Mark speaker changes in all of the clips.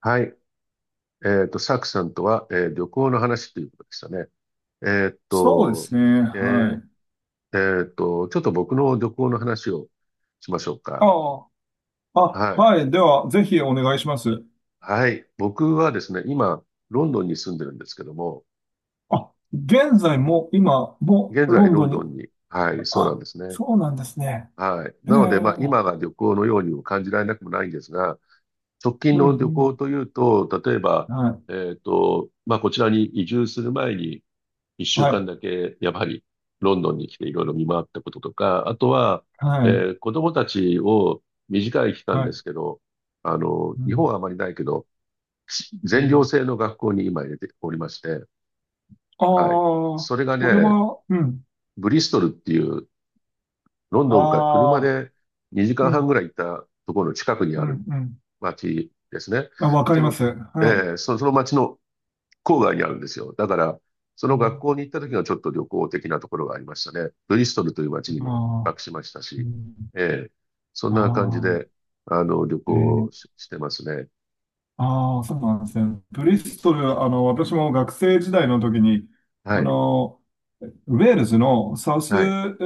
Speaker 1: はい。サクさんとは、旅行の話ということでしたね。えっ
Speaker 2: そうで
Speaker 1: と、
Speaker 2: すね。
Speaker 1: え
Speaker 2: は
Speaker 1: ー
Speaker 2: い。
Speaker 1: ちょっと僕の旅行の話をしましょう
Speaker 2: あ
Speaker 1: か。
Speaker 2: あ、あ、
Speaker 1: はい。
Speaker 2: はい。では、ぜひお願いします。
Speaker 1: はい。僕はですね、今、ロンドンに住んでるんですけども、
Speaker 2: あ、現在も、今も
Speaker 1: 現
Speaker 2: ロ
Speaker 1: 在
Speaker 2: ン
Speaker 1: ロ
Speaker 2: ド
Speaker 1: ン
Speaker 2: ン
Speaker 1: ド
Speaker 2: に、
Speaker 1: ンに、はい、そうなん
Speaker 2: あ、
Speaker 1: ですね。
Speaker 2: そうなんですね。
Speaker 1: はい。
Speaker 2: え
Speaker 1: なので、まあ、今
Speaker 2: え、
Speaker 1: が旅行のようにも感じられなくもないんですが、直近
Speaker 2: うん、う
Speaker 1: の旅行
Speaker 2: ん。
Speaker 1: というと、例えば、
Speaker 2: はい、
Speaker 1: まあ、こちらに移住する前に、一週
Speaker 2: は
Speaker 1: 間
Speaker 2: い、
Speaker 1: だけ、やはり、ロンドンに来ていろいろ見回ったこととか、あとは、
Speaker 2: はい、
Speaker 1: え子供たちを短い期間
Speaker 2: は
Speaker 1: で
Speaker 2: い。
Speaker 1: すけど、あの、
Speaker 2: う
Speaker 1: 日本
Speaker 2: ん、
Speaker 1: はあまりないけど、
Speaker 2: う
Speaker 1: 全寮
Speaker 2: ん。
Speaker 1: 制の学校に今入れておりまして、
Speaker 2: あ
Speaker 1: はい。
Speaker 2: あ、
Speaker 1: それが
Speaker 2: これ
Speaker 1: ね、
Speaker 2: は、うん。
Speaker 1: ブリストルっていう、ロンドンから車
Speaker 2: ああ、
Speaker 1: で2
Speaker 2: う
Speaker 1: 時間半
Speaker 2: ん、
Speaker 1: ぐらい行ったところの近くに
Speaker 2: う
Speaker 1: ある
Speaker 2: ん、うん。
Speaker 1: 街ですね。
Speaker 2: あ、わかり
Speaker 1: そ
Speaker 2: ま
Speaker 1: の、
Speaker 2: す。
Speaker 1: え
Speaker 2: はい。
Speaker 1: その街の郊外にあるんですよ。だから、そ
Speaker 2: う
Speaker 1: の学
Speaker 2: ん、
Speaker 1: 校に行った時がちょっと旅行的なところがありましたね。ブリストルという街にも一
Speaker 2: ああ、
Speaker 1: 泊しました
Speaker 2: う
Speaker 1: し、
Speaker 2: ん、
Speaker 1: ええ、そん
Speaker 2: あ
Speaker 1: な感じ
Speaker 2: あ、
Speaker 1: で、あの、旅行
Speaker 2: え
Speaker 1: を
Speaker 2: え
Speaker 1: し、してますね。
Speaker 2: ああ、そうなんですね。ブリストル、私も学生時代の時に、あ
Speaker 1: はい、
Speaker 2: の、ウェールズの
Speaker 1: はい。
Speaker 2: ー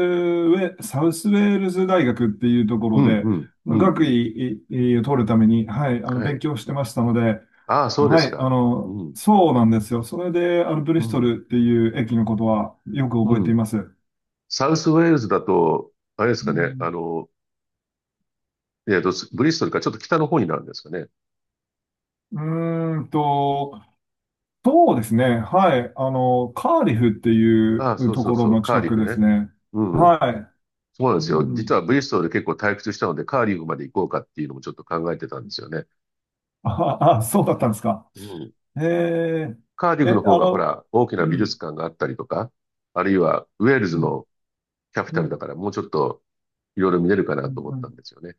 Speaker 2: ウェ、サウスウェールズ大学っていうとこ
Speaker 1: う
Speaker 2: ろ
Speaker 1: ん、
Speaker 2: で、
Speaker 1: うん、うん、う
Speaker 2: 学
Speaker 1: ん。
Speaker 2: 位を取るために、はい、
Speaker 1: は
Speaker 2: 勉
Speaker 1: い。
Speaker 2: 強してましたので、
Speaker 1: ああ、そうで
Speaker 2: は
Speaker 1: す
Speaker 2: い、
Speaker 1: か。うん、
Speaker 2: そうなんですよ。それで、ブ
Speaker 1: う
Speaker 2: リスト
Speaker 1: ん、
Speaker 2: ルっていう駅のことはよく
Speaker 1: う
Speaker 2: 覚えてい
Speaker 1: ん。
Speaker 2: ます。う
Speaker 1: サウスウェールズだと、あれですかね、あ
Speaker 2: ん、
Speaker 1: の、ブリストルからちょっと北の方になるんですかね。
Speaker 2: うーんと、そうですね。はい。カーディフってい
Speaker 1: あ
Speaker 2: う
Speaker 1: あ、そう
Speaker 2: と
Speaker 1: そう
Speaker 2: ころ
Speaker 1: そう、
Speaker 2: の
Speaker 1: カー
Speaker 2: 近
Speaker 1: ディ
Speaker 2: く
Speaker 1: フ
Speaker 2: です
Speaker 1: ね。
Speaker 2: ね。
Speaker 1: うん、
Speaker 2: は
Speaker 1: そうなんで
Speaker 2: い。
Speaker 1: す
Speaker 2: う
Speaker 1: よ。実
Speaker 2: ん。
Speaker 1: はブリストルで結構退屈したので、カーディフまで行こうかっていうのもちょっと考えてたんですよね。
Speaker 2: あ、あ、そうだったんですか。
Speaker 1: うん。
Speaker 2: えー、
Speaker 1: カーディフ
Speaker 2: え、
Speaker 1: の方
Speaker 2: あ
Speaker 1: がほ
Speaker 2: の、
Speaker 1: ら、大きな
Speaker 2: う
Speaker 1: 美
Speaker 2: ん、
Speaker 1: 術館があったりとか、あるいはウェール
Speaker 2: う
Speaker 1: ズ
Speaker 2: ん、
Speaker 1: のキャピ
Speaker 2: う
Speaker 1: タルだ
Speaker 2: ん、
Speaker 1: からもうちょっといろいろ見れるかな
Speaker 2: う
Speaker 1: と
Speaker 2: ん。
Speaker 1: 思っ
Speaker 2: うん
Speaker 1: たんですよね。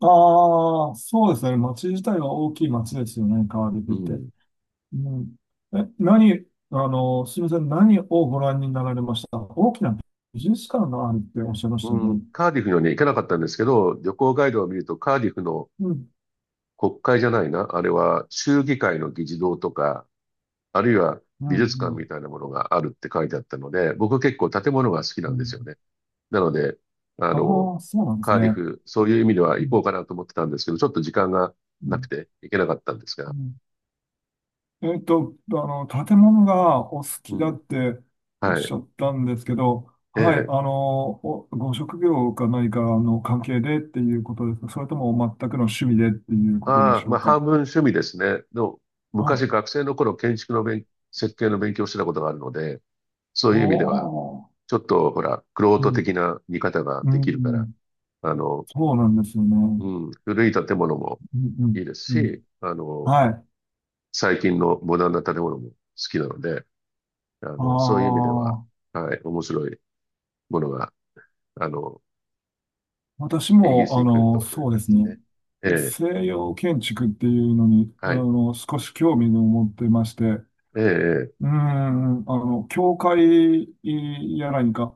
Speaker 2: ああ、そうですね。町自体は大きい町ですよね、カーディ
Speaker 1: う
Speaker 2: フって。
Speaker 1: ん。
Speaker 2: うん。え、何、あの、すみません。何をご覧になられました大きな美術館があるっておっしゃいましたよ
Speaker 1: うん、
Speaker 2: ね？
Speaker 1: カーディフにはね、行けなかったんですけど、旅行ガイドを見るとカーディフの
Speaker 2: うん、
Speaker 1: 国会じゃないな、あれは州議会の議事堂とか、あるいは
Speaker 2: う
Speaker 1: 美
Speaker 2: ん、う
Speaker 1: 術館み
Speaker 2: ん。
Speaker 1: たいなものがあるって書いてあったので、僕結構建物が好き
Speaker 2: う
Speaker 1: なんですよ
Speaker 2: ん
Speaker 1: ね。なので、あの、
Speaker 2: ああ、そうなんです
Speaker 1: カーディ
Speaker 2: ね。
Speaker 1: フ、そういう意味では行こうかなと思ってたんですけど、ちょっと時間が
Speaker 2: う
Speaker 1: なく
Speaker 2: ん
Speaker 1: て行けなかったんです
Speaker 2: う
Speaker 1: が。
Speaker 2: ん建物がお好
Speaker 1: う
Speaker 2: きだ
Speaker 1: ん。
Speaker 2: っておっ
Speaker 1: は
Speaker 2: し
Speaker 1: い。
Speaker 2: ゃったんですけど、
Speaker 1: え
Speaker 2: はい、
Speaker 1: え。
Speaker 2: ご職業か何かの関係でっていうことですか？それとも全くの趣味でっていうことで
Speaker 1: ああ、
Speaker 2: しょ
Speaker 1: まあ
Speaker 2: うか？
Speaker 1: 半分趣味ですね。の、
Speaker 2: あ、
Speaker 1: 昔学生の頃建築の設計の勉強をしてたことがあるので、そう
Speaker 2: お
Speaker 1: いう意味では、
Speaker 2: ー、
Speaker 1: ちょっとほら、玄
Speaker 2: う
Speaker 1: 人
Speaker 2: ん
Speaker 1: 的な見方が
Speaker 2: う
Speaker 1: できるから、
Speaker 2: ん、
Speaker 1: あの、
Speaker 2: そうなんですよね。う
Speaker 1: うん、古い建物も
Speaker 2: ん、う
Speaker 1: いい
Speaker 2: ん、
Speaker 1: です
Speaker 2: うん。
Speaker 1: し、あの、
Speaker 2: はい。
Speaker 1: 最近のモダンな建物も好きなので、あ
Speaker 2: あ
Speaker 1: の、そういう意味では、
Speaker 2: あ、
Speaker 1: はい、面白いものが、あの、
Speaker 2: 私
Speaker 1: イギリス
Speaker 2: も、
Speaker 1: に来ると読
Speaker 2: そう
Speaker 1: め
Speaker 2: で
Speaker 1: ま
Speaker 2: す
Speaker 1: す
Speaker 2: ね。
Speaker 1: ね。ええ、
Speaker 2: 西洋建築っていうのに、
Speaker 1: はい。
Speaker 2: 少し興味を持ってまして、
Speaker 1: ええ、え
Speaker 2: うー
Speaker 1: え、
Speaker 2: ん、教会や何か、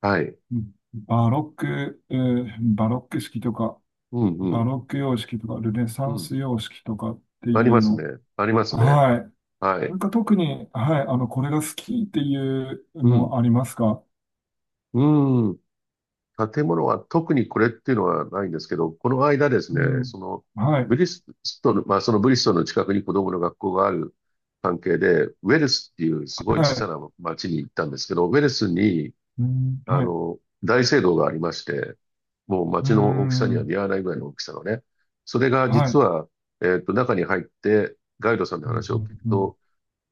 Speaker 1: はい。
Speaker 2: うんバロック、えーバロック式とか、
Speaker 1: うん、う
Speaker 2: バ
Speaker 1: ん、
Speaker 2: ロック様式とか、ルネ
Speaker 1: う
Speaker 2: サン
Speaker 1: ん。
Speaker 2: ス様式とかって
Speaker 1: あり
Speaker 2: いう
Speaker 1: ますね。
Speaker 2: の。
Speaker 1: ありますね。
Speaker 2: はい。
Speaker 1: は
Speaker 2: な
Speaker 1: い。
Speaker 2: んか特に、はい、これが好きっていう
Speaker 1: うん、
Speaker 2: のありますか？
Speaker 1: うん。建物は特にこれっていうのはないんですけど、この間です
Speaker 2: う
Speaker 1: ね、
Speaker 2: ん。
Speaker 1: その、
Speaker 2: は
Speaker 1: ブ
Speaker 2: い。
Speaker 1: リストル、まあそのブリストルの近くに子供の学校がある関係で、ウェルスっていうすごい
Speaker 2: は
Speaker 1: 小
Speaker 2: い。
Speaker 1: さな町に行ったんですけど、ウェルスに、
Speaker 2: うん、
Speaker 1: あ
Speaker 2: はい。う
Speaker 1: の、大聖堂がありまして、もう街の大きさには
Speaker 2: ん。
Speaker 1: 見合わないぐらいの大きさのね。それが
Speaker 2: は
Speaker 1: 実
Speaker 2: い。
Speaker 1: は、中に入って、ガイドさんの
Speaker 2: うん、
Speaker 1: 話を聞くと、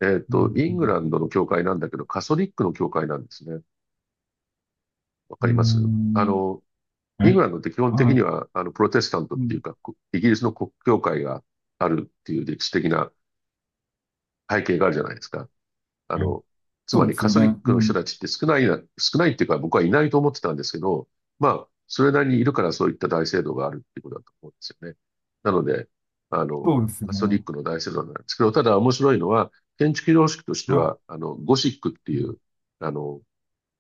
Speaker 2: うん、
Speaker 1: イ
Speaker 2: う
Speaker 1: ングラ
Speaker 2: ん。
Speaker 1: ンドの教会なんだけど、カソリックの教会なんですね。わか
Speaker 2: う
Speaker 1: ります？あ
Speaker 2: ん
Speaker 1: の、
Speaker 2: え、
Speaker 1: イングランドって基本的
Speaker 2: は
Speaker 1: に
Speaker 2: い。
Speaker 1: は、あの、プロテスタントっ
Speaker 2: う
Speaker 1: てい
Speaker 2: ん。
Speaker 1: うか、こイギリスの国教会があるっていう歴史的な背景があるじゃないですか。あ
Speaker 2: え
Speaker 1: の、つ
Speaker 2: そ
Speaker 1: ま
Speaker 2: う
Speaker 1: り
Speaker 2: です
Speaker 1: カ
Speaker 2: よ
Speaker 1: ト
Speaker 2: ね。
Speaker 1: リック
Speaker 2: う
Speaker 1: の人
Speaker 2: ん。
Speaker 1: たちって少ないな、少ないっていうか僕はいないと思ってたんですけど、まあ、それなりにいるからそういった大聖堂があるっていうことだと思うんですよね。なので、あの、
Speaker 2: そうですよ
Speaker 1: カトリッ
Speaker 2: ね。
Speaker 1: クの大聖堂なんですけど、ただ面白いのは、建築様式として
Speaker 2: はい。
Speaker 1: は、あの、ゴシックっていう、あの、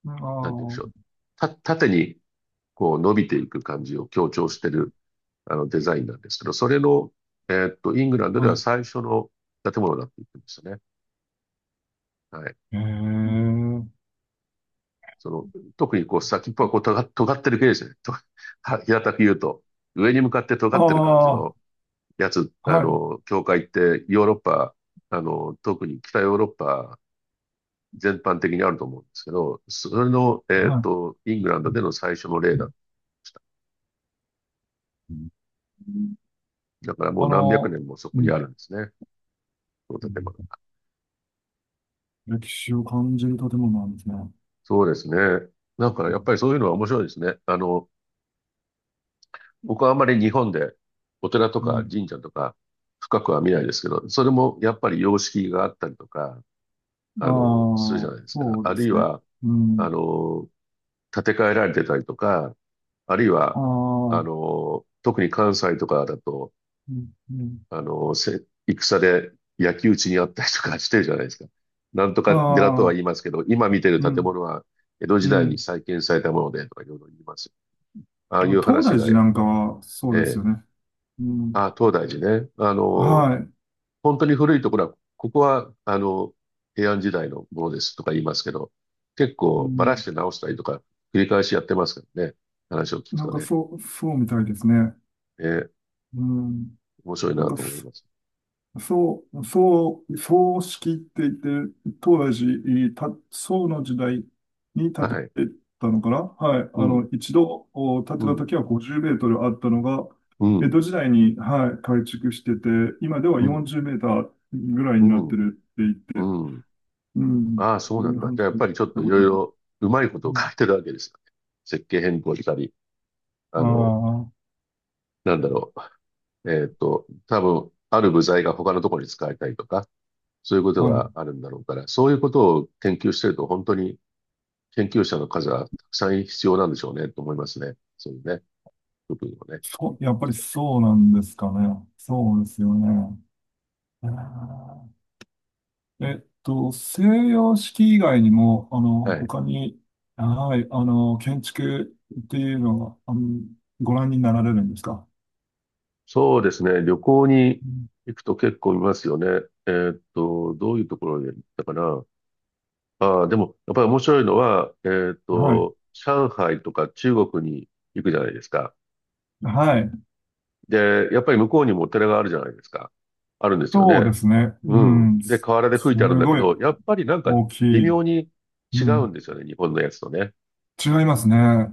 Speaker 2: あ
Speaker 1: なんて言うんでし
Speaker 2: あ、
Speaker 1: ょう。縦にこう伸びていく感じを強調してる、あの、デザインなんですけど、それの、イングランドで
Speaker 2: は
Speaker 1: は
Speaker 2: い。
Speaker 1: 最初の建物だって言ってましたね。はい。
Speaker 2: ええ。
Speaker 1: その、特にこう先っぽがこう尖ってる系ですよね。とは平たく言うと、上に向かって尖
Speaker 2: あ
Speaker 1: ってる感じ
Speaker 2: あ、は
Speaker 1: のやつ、あ
Speaker 2: い、
Speaker 1: の、教会ってヨーロッパ、あの、特に北ヨーロッパ全般的にあると思うんですけど、それの、
Speaker 2: は
Speaker 1: イングランドでの最初の
Speaker 2: い。う
Speaker 1: 例だった。
Speaker 2: んうん
Speaker 1: だからもう
Speaker 2: あ
Speaker 1: 何百
Speaker 2: の、
Speaker 1: 年もそ
Speaker 2: う
Speaker 1: こにあ
Speaker 2: ん、
Speaker 1: るんですね。その
Speaker 2: う
Speaker 1: 建物
Speaker 2: ん。
Speaker 1: が。
Speaker 2: 歴史を感じる建物なんですね。
Speaker 1: そうですね。なんか
Speaker 2: う
Speaker 1: やっ
Speaker 2: ん、
Speaker 1: ぱりそういうのは面白いですね。あの、僕はあまり日本でお寺と
Speaker 2: う
Speaker 1: か
Speaker 2: ん、
Speaker 1: 神社とか深くは見ないですけど、それもやっぱり様式があったりとか、
Speaker 2: ああ、
Speaker 1: あの、するじゃないですか。
Speaker 2: そう
Speaker 1: あ
Speaker 2: で
Speaker 1: るい
Speaker 2: すね。
Speaker 1: は、
Speaker 2: う
Speaker 1: あ
Speaker 2: ん。
Speaker 1: の、建て替えられてたりとか、あるい
Speaker 2: あ
Speaker 1: は、あ
Speaker 2: あ、
Speaker 1: の、特に関西とかだと、
Speaker 2: うん、うん。
Speaker 1: あの、戦で焼き討ちにあったりとか してるじゃないですか。なんとか寺とは
Speaker 2: ああ、
Speaker 1: 言いますけど、今見てる
Speaker 2: う
Speaker 1: 建
Speaker 2: ん、
Speaker 1: 物は江戸時
Speaker 2: う
Speaker 1: 代に
Speaker 2: ん。
Speaker 1: 再建されたものでとかいろいろ言います。ああいう
Speaker 2: 東
Speaker 1: 話
Speaker 2: 大
Speaker 1: が
Speaker 2: 寺
Speaker 1: や
Speaker 2: な
Speaker 1: っ
Speaker 2: ん
Speaker 1: ぱ
Speaker 2: か
Speaker 1: り、
Speaker 2: はそ
Speaker 1: え
Speaker 2: うです
Speaker 1: え、
Speaker 2: よね。う
Speaker 1: あ
Speaker 2: ん。
Speaker 1: あ、東大寺ね。あの、
Speaker 2: はい。
Speaker 1: 本当に古いところは、ここは、あの、平安時代のものですとか言いますけど、結
Speaker 2: う
Speaker 1: 構ばらし
Speaker 2: ん。
Speaker 1: て直したりとか、繰り返しやってますからね。話を聞く
Speaker 2: なん
Speaker 1: と
Speaker 2: か
Speaker 1: ね。
Speaker 2: そう、そうみたいですね。
Speaker 1: えー
Speaker 2: うん。
Speaker 1: 面白い
Speaker 2: なん
Speaker 1: な
Speaker 2: か
Speaker 1: と思います。
Speaker 2: そう、葬式って言って、当時、宋の時代に建て
Speaker 1: はい。
Speaker 2: たのかな。はい。
Speaker 1: うん、
Speaker 2: 一度お建
Speaker 1: う
Speaker 2: てた
Speaker 1: ん、
Speaker 2: 時は50メートルあったのが、
Speaker 1: う
Speaker 2: 江
Speaker 1: ん、
Speaker 2: 戸時代に、はい、改築してて、今では
Speaker 1: うん、
Speaker 2: 40メーターぐらいにな
Speaker 1: う
Speaker 2: って
Speaker 1: ん、
Speaker 2: るって言って、
Speaker 1: うん。
Speaker 2: うん、
Speaker 1: ああ、そう
Speaker 2: そう
Speaker 1: な
Speaker 2: い
Speaker 1: ん
Speaker 2: う
Speaker 1: だ。じゃ
Speaker 2: 話
Speaker 1: あやっ
Speaker 2: 聞い
Speaker 1: ぱりちょっと
Speaker 2: た
Speaker 1: い
Speaker 2: こと
Speaker 1: ろい
Speaker 2: あります。
Speaker 1: ろうまいこ
Speaker 2: う
Speaker 1: とを書
Speaker 2: ん
Speaker 1: いてるわけですよね。設計変更したり、
Speaker 2: あ
Speaker 1: あの、
Speaker 2: あ、
Speaker 1: なんだろう。多分、ある部材が他のところに使えたりとか、そういうこと
Speaker 2: はい。
Speaker 1: があるんだろうから、そういうことを研究してると本当に研究者の数はたくさん必要なんでしょうね、と思いますね。そういうね、部分をね、見
Speaker 2: そう、
Speaker 1: てい
Speaker 2: や
Speaker 1: く
Speaker 2: っぱりそうなんですかね。そうですよね。あー西洋式以外にも、
Speaker 1: と。はい。
Speaker 2: 他に、はい、建築っていうのは、ご覧になられるんですか？
Speaker 1: そうですね、旅行に
Speaker 2: うん
Speaker 1: 行くと結構見ますよね。どういうところに行ったかな。ああ、でも、やっぱり面白いのは、
Speaker 2: はい、
Speaker 1: 上海とか中国に行くじゃないですか。
Speaker 2: はい。
Speaker 1: で、やっぱり向こうにもお寺があるじゃないですか。あるんですよ
Speaker 2: そう
Speaker 1: ね。
Speaker 2: ですね。
Speaker 1: う
Speaker 2: う
Speaker 1: ん。
Speaker 2: ん、
Speaker 1: で、河原で吹
Speaker 2: す
Speaker 1: いてあるんだけ
Speaker 2: ごい
Speaker 1: ど、やっぱりなんか
Speaker 2: 大き
Speaker 1: 微
Speaker 2: い。
Speaker 1: 妙に
Speaker 2: う
Speaker 1: 違うん
Speaker 2: ん、
Speaker 1: ですよね、日本のやつとね。
Speaker 2: 違いますね。あ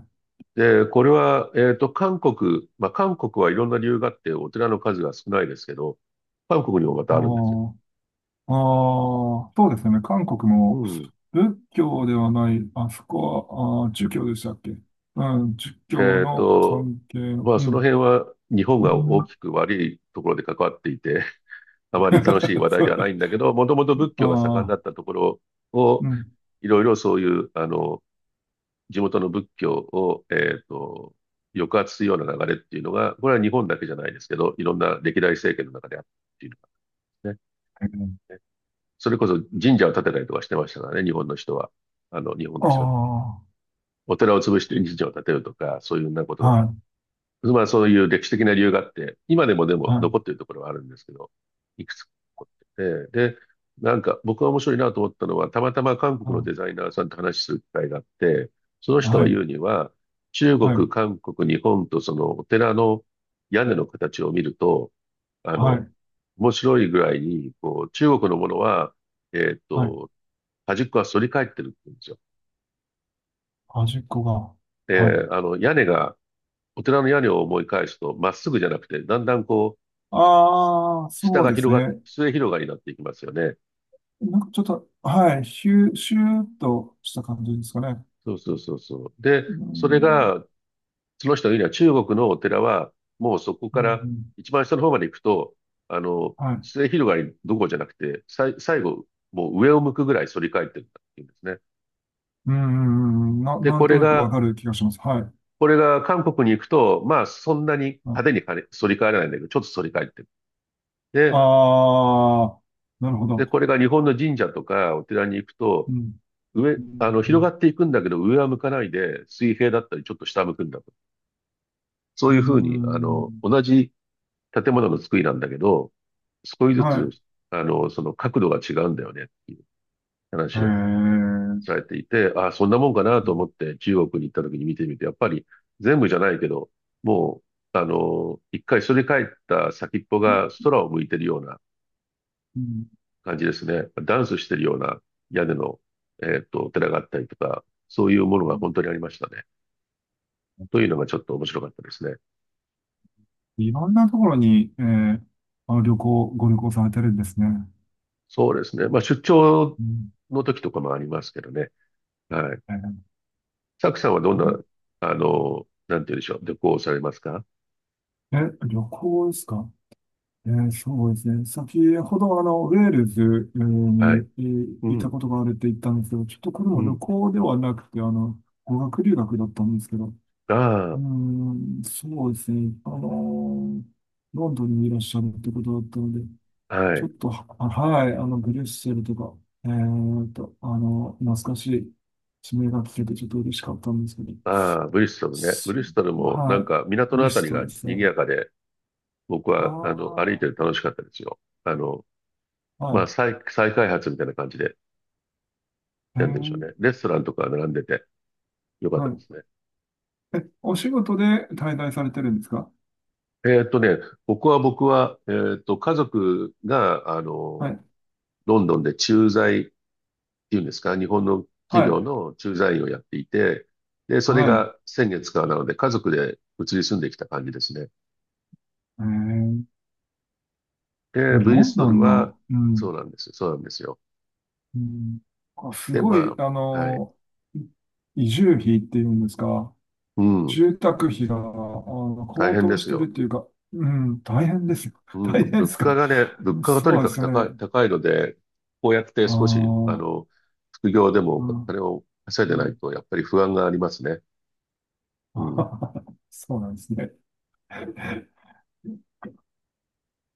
Speaker 1: で、これは、韓国、まあ、韓国はいろんな理由があって、お寺の数が少ないですけど、韓国にもまたあるんですよ。
Speaker 2: ーあー、そうですね。韓国
Speaker 1: う
Speaker 2: も
Speaker 1: ん。
Speaker 2: 仏教ではない、あそこは、儒教でしたっけ？うん、儒教
Speaker 1: えっ
Speaker 2: の
Speaker 1: と、
Speaker 2: 関係の、
Speaker 1: まあ、
Speaker 2: う
Speaker 1: その
Speaker 2: ん。
Speaker 1: 辺は日本
Speaker 2: う
Speaker 1: が大
Speaker 2: ん
Speaker 1: きく悪いところで関わっていて、あまり楽しい話 題
Speaker 2: そ
Speaker 1: ではな
Speaker 2: う
Speaker 1: いんだけど、もともと仏
Speaker 2: あ
Speaker 1: 教が盛んだ
Speaker 2: あ、
Speaker 1: ったところを、
Speaker 2: うん。
Speaker 1: いろいろそういう、あの、地元の仏教を、抑圧するような流れっていうのが、これは日本だけじゃないですけど、いろんな歴代政権の中であったっていうのがね。それこそ神社を建てたりとかしてましたからね、日本の人は。日本の人は。
Speaker 2: あ
Speaker 1: お寺を潰して神社を建てるとか、そういうようなこと
Speaker 2: あ、
Speaker 1: が。
Speaker 2: はい、
Speaker 1: まあそういう歴史的な理由があって、今でも
Speaker 2: はい、
Speaker 1: 残っているところはあるんですけど、いくつかあって。で、なんか僕が面白いなと思ったのは、たまたま韓国の
Speaker 2: は
Speaker 1: デザイナーさんと話しする機会があって、その人が
Speaker 2: い、
Speaker 1: 言うには、中
Speaker 2: はい、は
Speaker 1: 国、
Speaker 2: い、
Speaker 1: 韓国、日本とそのお寺の屋根の形を見ると、あ
Speaker 2: は
Speaker 1: の、
Speaker 2: い、
Speaker 1: 面白いぐらいに、こう、中国のものは、えっ
Speaker 2: はい
Speaker 1: と、端っこは反り返ってるって言うんですよ。
Speaker 2: 端っこが。はい。
Speaker 1: で、屋根が、お寺の屋根を思い返すと、まっすぐじゃなくて、だんだんこう、
Speaker 2: ああ、
Speaker 1: 下
Speaker 2: そう
Speaker 1: が
Speaker 2: です
Speaker 1: 広がっ、
Speaker 2: ね。
Speaker 1: 末広がりになっていきますよね。
Speaker 2: なんかちょっと、はい、シュー、シューっとした感じですかね。
Speaker 1: そうそうそうそう。で、
Speaker 2: う
Speaker 1: それ
Speaker 2: ん、
Speaker 1: が、その人が言うには中国のお寺は、もうそこ
Speaker 2: う
Speaker 1: か
Speaker 2: ん、
Speaker 1: ら
Speaker 2: うん
Speaker 1: 一番下の方まで行くと、
Speaker 2: はい。
Speaker 1: 末広がりどころじゃなくて、最後、もう上を向くぐらい反り返ってるんだっていうんですね。
Speaker 2: うん、うんうん
Speaker 1: で、
Speaker 2: なんとなくわかる気がします。はい。
Speaker 1: これが韓国に行くと、まあそんなに派手に反り返らないんだけど、ちょっと反り返ってる。で、
Speaker 2: ああ、なるほ
Speaker 1: で、
Speaker 2: ど。
Speaker 1: これが日本の神社とかお寺に行く
Speaker 2: う
Speaker 1: と、
Speaker 2: ん、
Speaker 1: 上、
Speaker 2: う
Speaker 1: あの、広が
Speaker 2: ん、
Speaker 1: っていくんだけど、上は向かないで、水平だったり、ちょっと下向くんだと。そ
Speaker 2: う
Speaker 1: う
Speaker 2: ん、
Speaker 1: いうふうに、
Speaker 2: うん
Speaker 1: 同じ建物の作りなんだけど、少しず
Speaker 2: は
Speaker 1: つ、
Speaker 2: い。
Speaker 1: その角度が違うんだよねっていう
Speaker 2: へえ。
Speaker 1: 話を
Speaker 2: う
Speaker 1: されていて、ああ、そんなもんかなと思って中国に行った時に見てみて、やっぱり全部じゃないけど、もう、あの、一回それ帰った先っぽが
Speaker 2: ん
Speaker 1: 空を向いてるような感じですね。ダンスしてるような屋根の、お寺があったりとか、そういうもの
Speaker 2: う
Speaker 1: が
Speaker 2: ん
Speaker 1: 本当にありましたね。というのがちょっと面白かったですね。
Speaker 2: いろんなところに、えーあの旅行、ご旅行されてるんですね。
Speaker 1: そうですね。まあ、出張
Speaker 2: うん、
Speaker 1: の時とかもありますけどね。はい。
Speaker 2: え
Speaker 1: サクさんはどん
Speaker 2: ー
Speaker 1: な、
Speaker 2: ん
Speaker 1: なんて言うんでしょう。旅行をされますか？
Speaker 2: え旅行ですか？そうですね。先ほどウェールズに
Speaker 1: はい。う
Speaker 2: いたこ
Speaker 1: ん。
Speaker 2: とがあるって言ったんですけど、ちょっとこれ
Speaker 1: う
Speaker 2: は旅
Speaker 1: ん。
Speaker 2: 行ではなくて、語学留学だったんですけど、うー
Speaker 1: あ
Speaker 2: ん、そうですね。ロンドンにいらっしゃるってことだったので、
Speaker 1: あ、は
Speaker 2: ちょっ
Speaker 1: い。
Speaker 2: と、はい、ブリュッセルとか、懐かしい地名が聞けてちょっと嬉しかったんですけど、
Speaker 1: ああ、ブリストルね。ブ
Speaker 2: そ
Speaker 1: リストルもな
Speaker 2: は
Speaker 1: ん
Speaker 2: い、
Speaker 1: か港
Speaker 2: ブ
Speaker 1: のあ
Speaker 2: リ
Speaker 1: た
Speaker 2: ス
Speaker 1: り
Speaker 2: ト
Speaker 1: が
Speaker 2: ルですね。
Speaker 1: 賑やかで、僕
Speaker 2: あ
Speaker 1: は、歩い
Speaker 2: あ、
Speaker 1: てて楽しかったですよ。
Speaker 2: は
Speaker 1: 再開発みたいな感じで、
Speaker 2: い、
Speaker 1: なんでしょうね。レストランとか並んでてよかった
Speaker 2: は
Speaker 1: で
Speaker 2: い。
Speaker 1: すね。
Speaker 2: お仕事で滞在されてるんですか？
Speaker 1: えーっとね、僕は、家族が、
Speaker 2: はい、
Speaker 1: ロンドンで駐在っていうんですか、日本の
Speaker 2: は
Speaker 1: 企業
Speaker 2: い、
Speaker 1: の駐在員をやっていて、で、それ
Speaker 2: はい。
Speaker 1: が先月からなので、家族で移り住んできた感じですね。
Speaker 2: えー、
Speaker 1: で、ブ
Speaker 2: ロ
Speaker 1: リ
Speaker 2: ン
Speaker 1: スト
Speaker 2: ド
Speaker 1: ル
Speaker 2: ン
Speaker 1: は、
Speaker 2: の、う
Speaker 1: そ
Speaker 2: ん、
Speaker 1: うなんです。そうなんですよ。
Speaker 2: うん、あ、す
Speaker 1: で、
Speaker 2: ご
Speaker 1: ま
Speaker 2: い、
Speaker 1: あ、はい。
Speaker 2: 移住費っていうんですか？
Speaker 1: うん、
Speaker 2: 住宅費が、
Speaker 1: 大
Speaker 2: 高
Speaker 1: 変
Speaker 2: 騰
Speaker 1: で
Speaker 2: し
Speaker 1: す
Speaker 2: てるっ
Speaker 1: よ。
Speaker 2: ていうか、うん、大変ですよ。
Speaker 1: う
Speaker 2: 大
Speaker 1: ん、
Speaker 2: 変で
Speaker 1: 物
Speaker 2: す
Speaker 1: 価
Speaker 2: か？
Speaker 1: がね、物価がと
Speaker 2: そ
Speaker 1: に
Speaker 2: うで
Speaker 1: かく
Speaker 2: すよね。
Speaker 1: 高いので、こうやって
Speaker 2: あ
Speaker 1: 少し、
Speaker 2: あ、
Speaker 1: 副業でもお
Speaker 2: うん、
Speaker 1: 金を稼いで
Speaker 2: う
Speaker 1: ない
Speaker 2: ん。
Speaker 1: と、やっぱり不安がありますね。う
Speaker 2: そうなんですね。